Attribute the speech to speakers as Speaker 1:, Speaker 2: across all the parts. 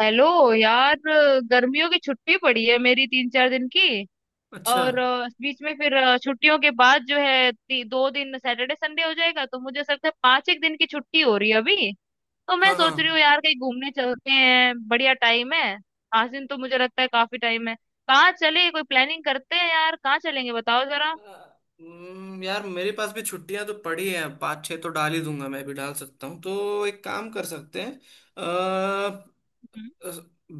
Speaker 1: Hello यार, गर्मियों की छुट्टी पड़ी है मेरी 3-4 दिन की।
Speaker 2: अच्छा।
Speaker 1: और बीच में फिर छुट्टियों के बाद जो है 2 दिन सैटरडे संडे हो जाएगा, तो मुझे ऐसा लगता है पांच एक दिन की छुट्टी हो रही है अभी। तो मैं
Speaker 2: हाँ हाँ।
Speaker 1: सोच रही हूँ यार, कहीं घूमने चलते हैं, बढ़िया टाइम है। 5 दिन तो मुझे लगता है काफी टाइम है। कहाँ चले? कोई प्लानिंग करते हैं यार, कहाँ चलेंगे बताओ जरा।
Speaker 2: अ, यार मेरे पास भी छुट्टियां तो पड़ी हैं, पाँच छः तो डाल ही दूंगा। मैं भी डाल सकता हूँ, तो एक काम कर सकते हैं। अ, अ,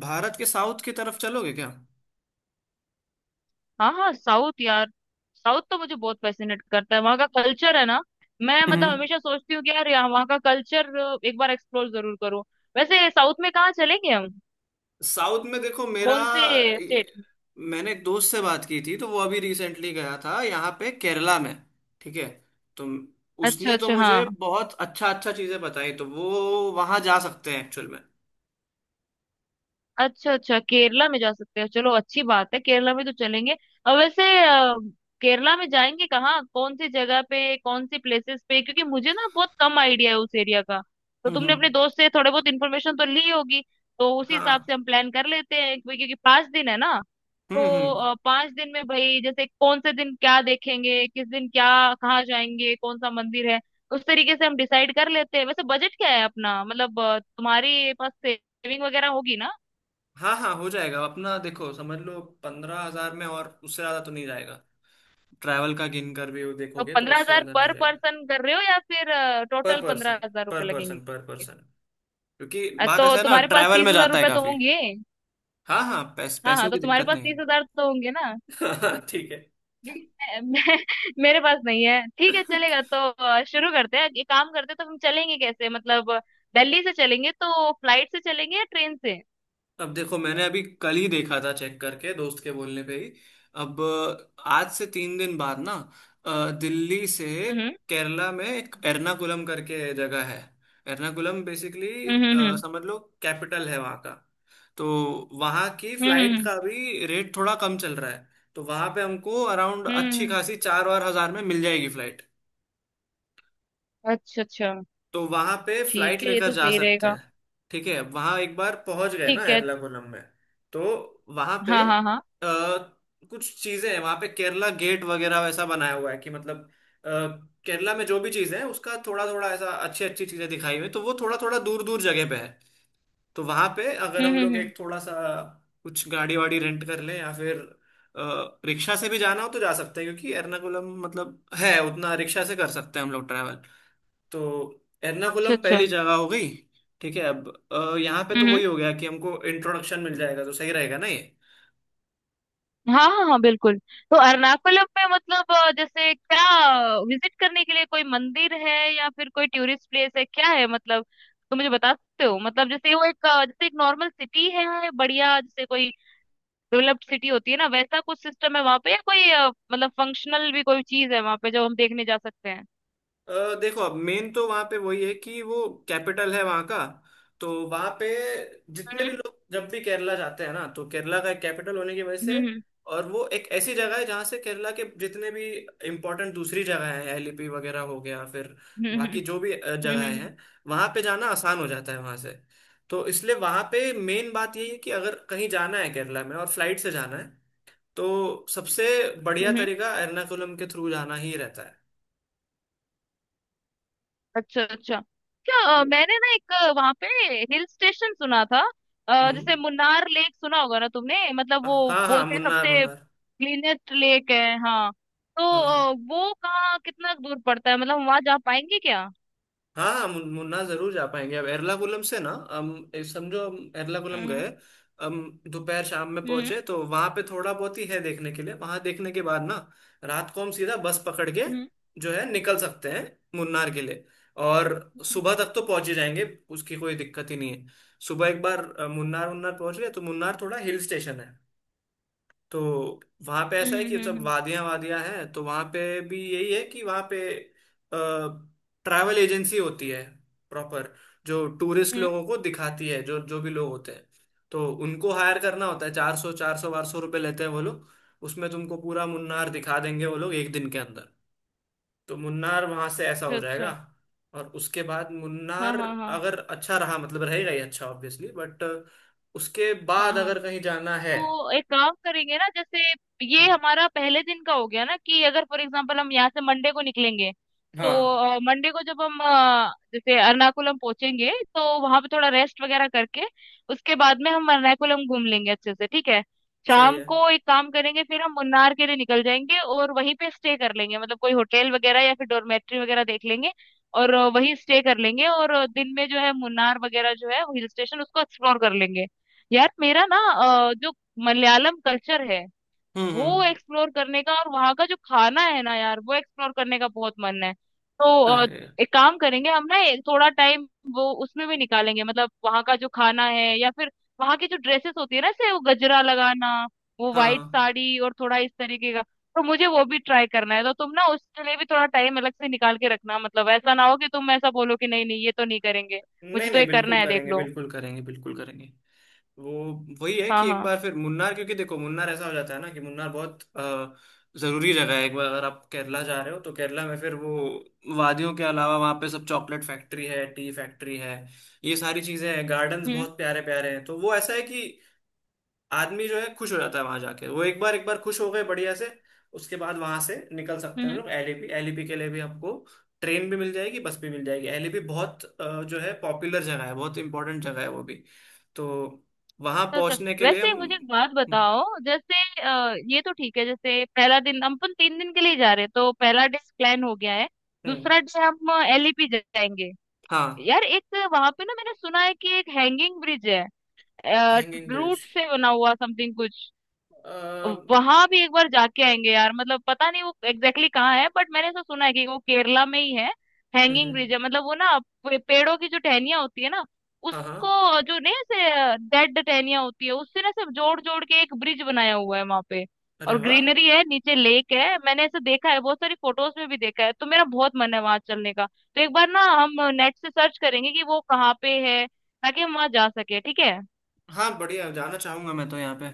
Speaker 2: भारत के साउथ की तरफ चलोगे क्या?
Speaker 1: हाँ हाँ, साउथ यार। साउथ तो मुझे बहुत फैसिनेट करता है, वहाँ का कल्चर है ना। मैं मतलब
Speaker 2: हम्म
Speaker 1: हमेशा सोचती हूँ कि यार यहाँ वहाँ का कल्चर एक बार एक्सप्लोर जरूर करूँ। वैसे साउथ में कहाँ चलेंगे हम?
Speaker 2: साउथ में देखो मेरा,
Speaker 1: कौन से स्टेट?
Speaker 2: मैंने एक दोस्त से बात की थी तो वो अभी रिसेंटली गया था यहाँ पे केरला में। ठीक है। तो
Speaker 1: अच्छा
Speaker 2: उसने तो
Speaker 1: अच्छा, हाँ।
Speaker 2: मुझे बहुत अच्छा अच्छा चीजें बताई, तो वो वहां जा सकते हैं एक्चुअल में।
Speaker 1: अच्छा अच्छा, केरला में जा सकते हो, चलो अच्छी बात है, केरला में तो चलेंगे। और वैसे केरला में जाएंगे कहाँ, कौन सी जगह पे, कौन सी प्लेसेस पे? क्योंकि मुझे ना बहुत कम आइडिया है उस एरिया का। तो
Speaker 2: हम्म
Speaker 1: तुमने अपने
Speaker 2: हम्म।
Speaker 1: दोस्त से थोड़े बहुत इन्फॉर्मेशन तो ली होगी। तो उसी हिसाब
Speaker 2: हाँ।
Speaker 1: से हम प्लान कर लेते हैं, क्योंकि क्योंकि 5 दिन है ना। तो
Speaker 2: हम्म।
Speaker 1: 5 दिन में भाई, जैसे कौन से दिन क्या देखेंगे, किस दिन क्या, कहाँ जाएंगे, कौन सा मंदिर है, उस तरीके से हम डिसाइड कर लेते हैं। वैसे बजट क्या है अपना? मतलब तुम्हारे पास सेविंग वगैरह होगी ना।
Speaker 2: हाँ हाँ हो जाएगा अपना, देखो समझ लो 15,000 में, और उससे ज्यादा तो नहीं जाएगा। ट्रैवल का गिन कर भी
Speaker 1: तो
Speaker 2: देखोगे तो
Speaker 1: पंद्रह
Speaker 2: उससे
Speaker 1: हजार
Speaker 2: ज्यादा नहीं
Speaker 1: पर
Speaker 2: जाएगा।
Speaker 1: पर्सन कर रहे हो, या फिर
Speaker 2: पर
Speaker 1: टोटल
Speaker 2: पर्सन,
Speaker 1: 15,000 रुपए
Speaker 2: पर
Speaker 1: लगेंगे?
Speaker 2: पर्सन, पर पर्सन। क्योंकि बात
Speaker 1: तो
Speaker 2: ऐसा है ना,
Speaker 1: तुम्हारे पास
Speaker 2: ट्रैवल
Speaker 1: तीस
Speaker 2: में
Speaker 1: हजार
Speaker 2: जाता है
Speaker 1: रुपए तो
Speaker 2: काफी।
Speaker 1: होंगे।
Speaker 2: हाँ हाँ,
Speaker 1: हाँ हाँ,
Speaker 2: पैसों
Speaker 1: तो
Speaker 2: की
Speaker 1: तुम्हारे
Speaker 2: दिक्कत
Speaker 1: पास
Speaker 2: नहीं।
Speaker 1: तीस हजार तो होंगे ना।
Speaker 2: हाँ, ठीक है।
Speaker 1: मैं, मेरे पास नहीं है, ठीक है, चलेगा तो। शुरू करते हैं ये काम करते हैं। तो हम चलेंगे कैसे, मतलब दिल्ली से चलेंगे तो फ्लाइट से चलेंगे या ट्रेन से?
Speaker 2: अब देखो, मैंने अभी कल ही देखा था चेक करके दोस्त के बोलने पे ही। अब आज से 3 दिन बाद ना, दिल्ली से
Speaker 1: हम्म
Speaker 2: केरला में एक एर्नाकुलम करके जगह है। एर्नाकुलम बेसिकली,
Speaker 1: हम्म हम्म
Speaker 2: समझ लो कैपिटल है वहाँ का। तो वहाँ की
Speaker 1: हम्म
Speaker 2: फ्लाइट
Speaker 1: हम्म
Speaker 2: का भी रेट थोड़ा कम चल रहा है। तो वहाँ पे हमको अराउंड
Speaker 1: हम्म,
Speaker 2: अच्छी
Speaker 1: हम्म,
Speaker 2: खासी चार और हजार में मिल जाएगी फ्लाइट।
Speaker 1: अच्छा अच्छा।
Speaker 2: तो वहां पे फ्लाइट
Speaker 1: ठीक है, ये
Speaker 2: लेकर
Speaker 1: तो
Speaker 2: जा
Speaker 1: सही
Speaker 2: सकते
Speaker 1: रहेगा।
Speaker 2: हैं। ठीक है, वहां एक बार पहुंच गए ना
Speaker 1: ठीक है।
Speaker 2: एर्नाकुलम में। तो वहां पे
Speaker 1: हाँ हाँ हाँ।
Speaker 2: कुछ चीजें हैं वहां पे, केरला गेट वगैरह वैसा बनाया हुआ है कि मतलब, अ, केरला में जो भी चीज है उसका थोड़ा थोड़ा, ऐसा अच्छी अच्छी चीजें दिखाई हुई हैं। तो वो थोड़ा थोड़ा दूर दूर जगह पे है। तो वहां पे अगर हम लोग
Speaker 1: हम्म,
Speaker 2: एक थोड़ा सा कुछ गाड़ी वाड़ी रेंट कर लें, या फिर रिक्शा से भी जाना हो तो जा सकते हैं, क्योंकि एर्नाकुलम मतलब है उतना, रिक्शा से कर सकते हैं हम लोग ट्रैवल। तो
Speaker 1: अच्छा
Speaker 2: एर्नाकुलम
Speaker 1: अच्छा।
Speaker 2: पहली जगह हो गई। ठीक है, अब यहाँ पे तो
Speaker 1: हम्म हम्म।
Speaker 2: वही हो गया कि हमको इंट्रोडक्शन मिल जाएगा, तो सही रहेगा ना ये।
Speaker 1: हाँ हाँ हाँ, बिल्कुल। तो अरनाकुलम में, मतलब जैसे क्या विजिट करने के लिए कोई मंदिर है, या फिर कोई टूरिस्ट प्लेस है, क्या है मतलब? तो मुझे बता सकते हो? मतलब जैसे वो एक जैसे एक नॉर्मल सिटी है बढ़िया, जैसे कोई डेवलप्ड सिटी होती है ना वैसा कुछ सिस्टम है वहाँ पे, या कोई मतलब फंक्शनल भी कोई चीज है वहाँ पे जो हम देखने जा सकते हैं?
Speaker 2: देखो अब मेन तो वहां पे वही है कि वो कैपिटल है वहां का। तो वहां पे जितने
Speaker 1: हम्म
Speaker 2: भी लोग जब भी केरला जाते हैं ना, तो केरला का एक कैपिटल होने की वजह से,
Speaker 1: हम्म
Speaker 2: और वो एक ऐसी जगह है जहां से केरला के जितने भी इम्पोर्टेंट दूसरी जगह है, एलिपी वगैरह हो गया, फिर
Speaker 1: हम्म हम्म
Speaker 2: बाकी जो भी
Speaker 1: हम्म हम्म हम्म
Speaker 2: जगहें
Speaker 1: हम्म, हम्म,
Speaker 2: हैं, वहां पे जाना आसान हो जाता है वहां से। तो इसलिए वहां पे मेन बात यही है कि अगर कहीं जाना है केरला में और फ्लाइट से जाना है, तो सबसे बढ़िया
Speaker 1: हम्म, हम्म,
Speaker 2: तरीका एर्नाकुलम के थ्रू जाना ही रहता है।
Speaker 1: अच्छा अच्छा। क्या मैंने ना एक वहां पे हिल स्टेशन सुना था।
Speaker 2: हम्म।
Speaker 1: जैसे मुन्नार लेक सुना होगा ना तुमने, मतलब वो
Speaker 2: हाँ हाँ,
Speaker 1: बोलते हैं
Speaker 2: मुन्नार
Speaker 1: सबसे
Speaker 2: मुन्नार।
Speaker 1: क्लीनेस्ट लेक है। हाँ तो
Speaker 2: हाँ हाँ
Speaker 1: वो कहाँ कितना दूर पड़ता है, मतलब वहां जा पाएंगे क्या?
Speaker 2: हाँ। हाँ, मुन्नार जरूर जा पाएंगे। अब एर्नाकुलम से ना हम समझो हम एर्नाकुलम
Speaker 1: हम्म
Speaker 2: गए, हम दोपहर शाम में
Speaker 1: हम्म
Speaker 2: पहुंचे, तो वहां पे थोड़ा बहुत ही है देखने के लिए, वहां देखने के बाद ना, रात को हम सीधा बस पकड़ के
Speaker 1: हम्म
Speaker 2: जो है निकल सकते हैं मुन्नार के लिए, और सुबह तक तो पहुंच ही जाएंगे, उसकी कोई दिक्कत ही नहीं है। सुबह एक बार मुन्नार मुन्नार पहुंच गए, तो मुन्नार थोड़ा हिल स्टेशन है। तो वहां पे ऐसा
Speaker 1: हम्म
Speaker 2: है
Speaker 1: हम्म
Speaker 2: कि
Speaker 1: हम्म
Speaker 2: सब
Speaker 1: हम्म,
Speaker 2: वादियां वादियां हैं। तो वहां पे भी यही है कि वहां पे ट्रैवल एजेंसी होती है प्रॉपर, जो टूरिस्ट
Speaker 1: हम्म,
Speaker 2: लोगों को दिखाती है जो जो भी लोग होते हैं। तो उनको हायर करना होता है, चार सौ 1200 रुपये लेते हैं वो लोग। उसमें तुमको पूरा मुन्नार दिखा देंगे वो लोग एक दिन के अंदर। तो मुन्नार वहां से ऐसा
Speaker 1: अच्छा
Speaker 2: हो जाएगा।
Speaker 1: अच्छा।
Speaker 2: और उसके बाद
Speaker 1: हाँ
Speaker 2: मुन्नार
Speaker 1: हाँ हाँ
Speaker 2: अगर अच्छा रहा, मतलब रहेगा ही अच्छा ऑब्वियसली, बट उसके बाद
Speaker 1: हाँ।
Speaker 2: अगर कहीं जाना है।
Speaker 1: तो एक काम करेंगे ना, जैसे ये हमारा पहले दिन का हो गया ना, कि अगर फॉर एग्जांपल हम यहाँ से मंडे को निकलेंगे,
Speaker 2: हाँ।
Speaker 1: तो मंडे को जब हम जैसे एर्नाकुलम पहुंचेंगे तो वहां पे थोड़ा रेस्ट वगैरह करके उसके बाद में हम एर्नाकुलम घूम लेंगे अच्छे से, ठीक है।
Speaker 2: सही
Speaker 1: शाम
Speaker 2: है।
Speaker 1: को एक काम करेंगे, फिर हम मुन्नार के लिए निकल जाएंगे और वहीं पे स्टे कर लेंगे, मतलब कोई होटल वगैरह या फिर डॉर्मेट्री वगैरह देख लेंगे। और वहीं स्टे कर लेंगे, और दिन में जो है मुन्नार वगैरह जो है हिल स्टेशन उसको एक्सप्लोर कर लेंगे। यार मेरा ना जो मलयालम कल्चर है वो
Speaker 2: हम्म।
Speaker 1: एक्सप्लोर करने का, और वहाँ का जो खाना है ना यार वो एक्सप्लोर करने का बहुत मन है। तो
Speaker 2: अरे।
Speaker 1: एक काम करेंगे हम ना, एक थोड़ा टाइम वो उसमें भी निकालेंगे, मतलब वहाँ का जो खाना है, या फिर वहाँ की जो ड्रेसेस होती है ना, जैसे वो गजरा लगाना, वो वाइट
Speaker 2: हाँ।
Speaker 1: साड़ी और थोड़ा इस तरीके का। तो मुझे वो भी ट्राई करना है, तो तुम ना उसके लिए भी थोड़ा टाइम अलग से निकाल के रखना, मतलब ऐसा ना हो कि तुम ऐसा बोलो कि नहीं नहीं, ये तो नहीं करेंगे।
Speaker 2: नहीं
Speaker 1: मुझे तो
Speaker 2: नहीं,
Speaker 1: ये करना
Speaker 2: बिल्कुल
Speaker 1: है, देख
Speaker 2: करेंगे,
Speaker 1: लो।
Speaker 2: बिल्कुल करेंगे, बिल्कुल करेंगे। वो वही है
Speaker 1: हाँ
Speaker 2: कि एक
Speaker 1: हाँ।
Speaker 2: बार फिर मुन्नार, क्योंकि देखो मुन्नार ऐसा हो जाता है ना कि मुन्नार बहुत जरूरी जगह है, एक बार अगर आप केरला जा रहे हो तो केरला में, फिर वो वादियों के अलावा वहाँ पे सब चॉकलेट फैक्ट्री है, टी फैक्ट्री है, ये सारी चीजें हैं, गार्डन्स
Speaker 1: हम्म
Speaker 2: बहुत प्यारे प्यारे हैं। तो वो ऐसा है कि आदमी जो है खुश हो जाता है वहां जाके। वो एक बार खुश हो गए बढ़िया से, उसके बाद वहां से निकल सकते हैं
Speaker 1: हम्म।
Speaker 2: हम लोग एलईपी। एलईपी के लिए भी आपको ट्रेन भी मिल जाएगी, बस भी मिल जाएगी। एलईपी बहुत जो है पॉपुलर जगह है, बहुत इंपॉर्टेंट जगह है वो भी। तो वहां
Speaker 1: अच्छा,
Speaker 2: पहुंचने के लिए हम।
Speaker 1: वैसे मुझे एक बात बताओ। जैसे ये तो ठीक है, जैसे पहला दिन, हम अपन 3 दिन के लिए जा रहे हैं तो पहला डे प्लान हो गया है।
Speaker 2: हम्म।
Speaker 1: दूसरा डे हम एलईपी जाएंगे।
Speaker 2: हाँ,
Speaker 1: यार एक वहां पे ना मैंने सुना है कि एक हैंगिंग ब्रिज है।
Speaker 2: Hanging
Speaker 1: root
Speaker 2: bridge.
Speaker 1: से बना हुआ समथिंग कुछ। वहां भी एक बार जाके आएंगे यार, मतलब पता नहीं वो एग्जैक्टली कहाँ है, बट मैंने ऐसा सुना है कि वो केरला में ही है। हैंगिंग
Speaker 2: हम्म।
Speaker 1: ब्रिज है, मतलब वो ना पेड़ों की जो टहनियां होती है ना,
Speaker 2: हाँ हाँ।
Speaker 1: उसको जो, नहीं ऐसे डेड टहनियां होती है उससे ना सब जोड़ जोड़ के एक ब्रिज बनाया हुआ है वहां पे।
Speaker 2: अरे
Speaker 1: और
Speaker 2: वाह।
Speaker 1: ग्रीनरी है, नीचे लेक है, मैंने ऐसे देखा है, बहुत सारी फोटोज में भी देखा है, तो मेरा बहुत मन है वहां चलने का। तो एक बार ना हम नेट से सर्च करेंगे कि वो कहाँ पे है, ताकि हम वहां जा सके, ठीक है।
Speaker 2: हाँ बढ़िया, जाना चाहूंगा मैं तो यहाँ पे।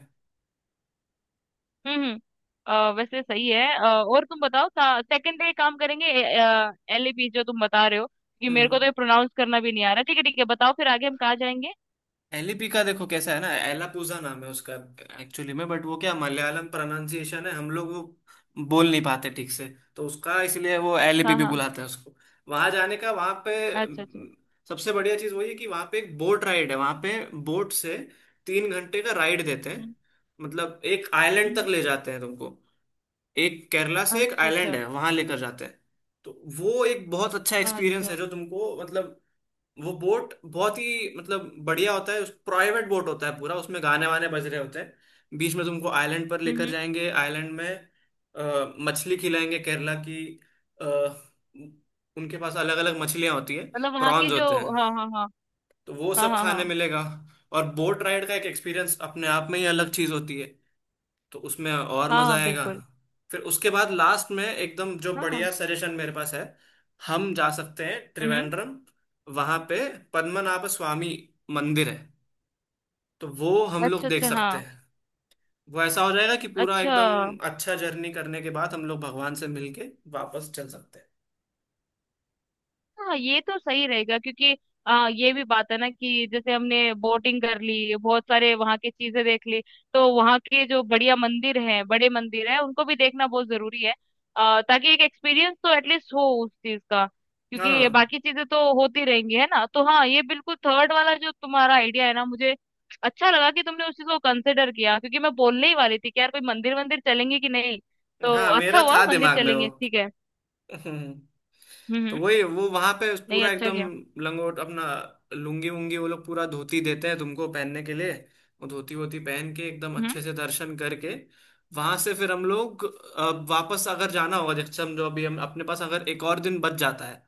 Speaker 1: हम्म हम्म, वैसे सही है। और तुम बताओ, सेकंड डे काम करेंगे एलएपी, जो तुम बता रहे हो, क्योंकि मेरे
Speaker 2: हम्म।
Speaker 1: को तो ये प्रोनाउंस करना भी नहीं आ रहा। ठीक है ठीक है, बताओ फिर आगे हम कहाँ जाएंगे।
Speaker 2: एलिपी का देखो कैसा है ना, एलापूजा नाम है उसका एक्चुअली में, बट वो क्या मलयालम प्रोनाउंसिएशन है, हम लोग वो बोल नहीं पाते ठीक से। तो उसका इसलिए वो एलिपी
Speaker 1: हाँ
Speaker 2: भी
Speaker 1: हाँ,
Speaker 2: बुलाते हैं उसको। वहां जाने का वहां पे
Speaker 1: अच्छा अच्छा।
Speaker 2: सबसे बढ़िया चीज वही है कि वहां पे एक बोट राइड है वहां पे, बोट से 3 घंटे का राइड देते हैं।
Speaker 1: हम्म
Speaker 2: मतलब एक आइलैंड तक
Speaker 1: हम्म,
Speaker 2: ले जाते हैं तुमको, एक केरला से एक
Speaker 1: अच्छा
Speaker 2: आइलैंड
Speaker 1: अच्छा
Speaker 2: है वहां लेकर जाते हैं। तो वो एक बहुत अच्छा एक्सपीरियंस है
Speaker 1: अच्छा।
Speaker 2: जो तुमको मतलब, वो बोट बहुत ही मतलब बढ़िया होता है, उस प्राइवेट बोट होता है पूरा, उसमें गाने वाने बज रहे होते हैं, बीच में तुमको आइलैंड पर
Speaker 1: हम्म
Speaker 2: लेकर
Speaker 1: हम्म,
Speaker 2: जाएंगे, आइलैंड में मछली खिलाएंगे केरला की। अ, उनके पास अलग अलग मछलियाँ होती है,
Speaker 1: मतलब वहाँ की
Speaker 2: प्रॉन्स
Speaker 1: जो,
Speaker 2: होते हैं।
Speaker 1: हाँ हाँ हाँ
Speaker 2: तो वो
Speaker 1: हाँ,
Speaker 2: सब
Speaker 1: हाँ
Speaker 2: खाने
Speaker 1: हाँ
Speaker 2: मिलेगा। और बोट राइड का एक एक्सपीरियंस अपने आप में ही अलग चीज़ होती है, तो उसमें और
Speaker 1: हाँ
Speaker 2: मजा
Speaker 1: हाँ
Speaker 2: आएगा।
Speaker 1: बिल्कुल।
Speaker 2: फिर उसके बाद लास्ट में एकदम जो
Speaker 1: हाँ हाँ।
Speaker 2: बढ़िया सजेशन मेरे पास है, हम जा सकते हैं
Speaker 1: हम्म,
Speaker 2: त्रिवेंद्रम। वहां पे पद्मनाभ स्वामी मंदिर है, तो वो हम लोग
Speaker 1: अच्छा
Speaker 2: देख
Speaker 1: अच्छा। हाँ,
Speaker 2: सकते हैं। वो ऐसा हो जाएगा कि पूरा
Speaker 1: अच्छा।
Speaker 2: एकदम अच्छा जर्नी करने के बाद हम लोग भगवान से मिलके वापस चल सकते हैं।
Speaker 1: हाँ, ये तो सही रहेगा क्योंकि ये भी बात है ना कि जैसे हमने बोटिंग कर ली, बहुत सारे वहाँ की चीजें देख ली। तो वहाँ के जो बढ़िया मंदिर हैं, बड़े मंदिर हैं, उनको भी देखना बहुत जरूरी है। ताकि एक एक्सपीरियंस तो एटलीस्ट हो उस चीज का, क्योंकि ये
Speaker 2: हाँ
Speaker 1: बाकी चीजें तो होती रहेंगी है ना। तो हाँ, ये बिल्कुल थर्ड वाला जो तुम्हारा आइडिया है ना, मुझे अच्छा लगा कि तुमने उस चीज को कंसिडर किया, क्योंकि मैं बोलने ही वाली थी कि यार कोई मंदिर वंदिर चलेंगे कि नहीं। तो
Speaker 2: हाँ,
Speaker 1: अच्छा
Speaker 2: मेरा
Speaker 1: हुआ
Speaker 2: था
Speaker 1: मंदिर
Speaker 2: दिमाग में वो।
Speaker 1: चलेंगे, ठीक है।
Speaker 2: हम्म। तो
Speaker 1: हम्म।
Speaker 2: वही वो वहां पे
Speaker 1: नहीं,
Speaker 2: पूरा
Speaker 1: अच्छा
Speaker 2: एकदम
Speaker 1: किया।
Speaker 2: लंगोट अपना, लुंगी वुंगी, वो लोग पूरा धोती देते हैं तुमको पहनने के लिए। वो धोती वोती पहन के एकदम
Speaker 1: हम्म।
Speaker 2: अच्छे से दर्शन करके, वहां से फिर हम लोग वापस अगर जाना होगा। जैसे समझो अभी हम अपने पास अगर एक और दिन बच जाता है,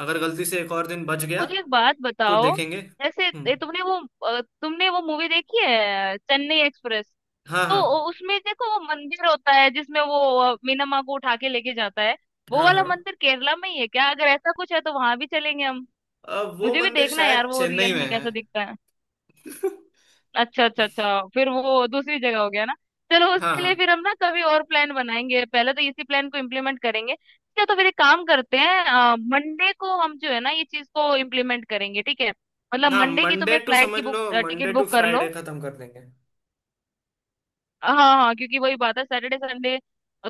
Speaker 2: अगर गलती से एक और दिन बच गया,
Speaker 1: मुझे एक बात
Speaker 2: तो
Speaker 1: बताओ,
Speaker 2: देखेंगे।
Speaker 1: जैसे ये
Speaker 2: हम्म।
Speaker 1: तुमने वो तुमने वो मूवी देखी है चेन्नई एक्सप्रेस?
Speaker 2: हाँ
Speaker 1: तो
Speaker 2: हाँ
Speaker 1: उसमें देखो वो मंदिर होता है जिसमें वो मीना माँ को उठा के लेके जाता है। वो
Speaker 2: हाँ
Speaker 1: वाला
Speaker 2: हाँ।
Speaker 1: मंदिर केरला में ही है क्या? अगर ऐसा कुछ है तो वहां भी चलेंगे हम।
Speaker 2: वो
Speaker 1: मुझे भी
Speaker 2: मंदिर
Speaker 1: देखना है यार,
Speaker 2: शायद
Speaker 1: वो
Speaker 2: चेन्नई
Speaker 1: रियल
Speaker 2: में
Speaker 1: में
Speaker 2: है।
Speaker 1: कैसा दिखता है। अच्छा अच्छा अच्छा, फिर वो दूसरी जगह हो गया ना। चलो
Speaker 2: हाँ
Speaker 1: उसके
Speaker 2: हाँ।
Speaker 1: लिए फिर हम ना कभी और प्लान बनाएंगे, पहले तो इसी प्लान को इम्प्लीमेंट करेंगे क्या। तो फिर एक काम करते हैं, मंडे को हम जो है ना ये चीज को इम्प्लीमेंट करेंगे, ठीक है। मतलब
Speaker 2: हाँ
Speaker 1: मंडे की
Speaker 2: मंडे
Speaker 1: तुम्हें
Speaker 2: टू,
Speaker 1: फ्लाइट
Speaker 2: समझ
Speaker 1: की बुक,
Speaker 2: लो
Speaker 1: टिकट
Speaker 2: मंडे टू
Speaker 1: बुक कर लो।
Speaker 2: फ्राइडे खत्म कर देंगे।
Speaker 1: हाँ हाँ, क्योंकि वही बात है सैटरडे संडे,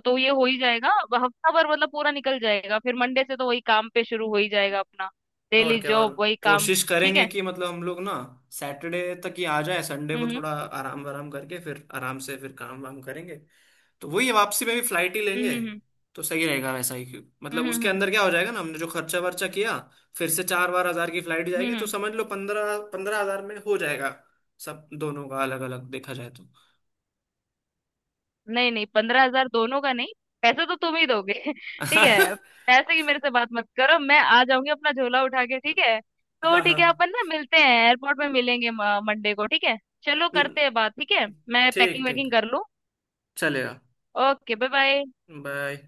Speaker 1: तो ये हो ही जाएगा। हफ्ता भर मतलब पूरा निकल जाएगा, फिर मंडे से तो वही काम पे शुरू हो ही जाएगा अपना,
Speaker 2: और
Speaker 1: डेली
Speaker 2: क्या, और
Speaker 1: जॉब वही काम,
Speaker 2: कोशिश
Speaker 1: ठीक
Speaker 2: करेंगे
Speaker 1: है।
Speaker 2: कि मतलब हम लोग ना सैटरडे तक ही आ जाए, संडे को
Speaker 1: हम्म
Speaker 2: थोड़ा आराम वाराम करके, फिर आराम से फिर काम वाम करेंगे। तो वही है, वापसी में भी फ्लाइट ही
Speaker 1: हम्म
Speaker 2: लेंगे।
Speaker 1: हम्म
Speaker 2: तो सही रहेगा वैसा ही, क्यों मतलब
Speaker 1: हम्म हम्म
Speaker 2: उसके
Speaker 1: हम्म हम्म
Speaker 2: अंदर क्या हो जाएगा ना, हमने जो खर्चा वर्चा किया, फिर से चार बार हजार की फ्लाइट
Speaker 1: हम्म
Speaker 2: जाएगी,
Speaker 1: हम्म,
Speaker 2: तो
Speaker 1: हम्म।
Speaker 2: समझ लो 15-15 हजार में हो जाएगा सब, दोनों का अलग अलग देखा जाए तो।
Speaker 1: नहीं नहीं, 15,000 दोनों का नहीं। पैसे तो तुम ही दोगे। ठीक है। पैसे की मेरे से बात मत करो, मैं आ जाऊंगी अपना झोला उठा के। ठीक है तो,
Speaker 2: हाँ हाँ।
Speaker 1: ठीक है, अपन ना मिलते हैं, एयरपोर्ट में मिलेंगे मंडे को, ठीक है। चलो करते हैं बात, ठीक है। मैं
Speaker 2: ठीक
Speaker 1: पैकिंग
Speaker 2: ठीक।
Speaker 1: वैकिंग कर लूँ।
Speaker 2: चलेगा।
Speaker 1: Okay, bye bye.
Speaker 2: बाय।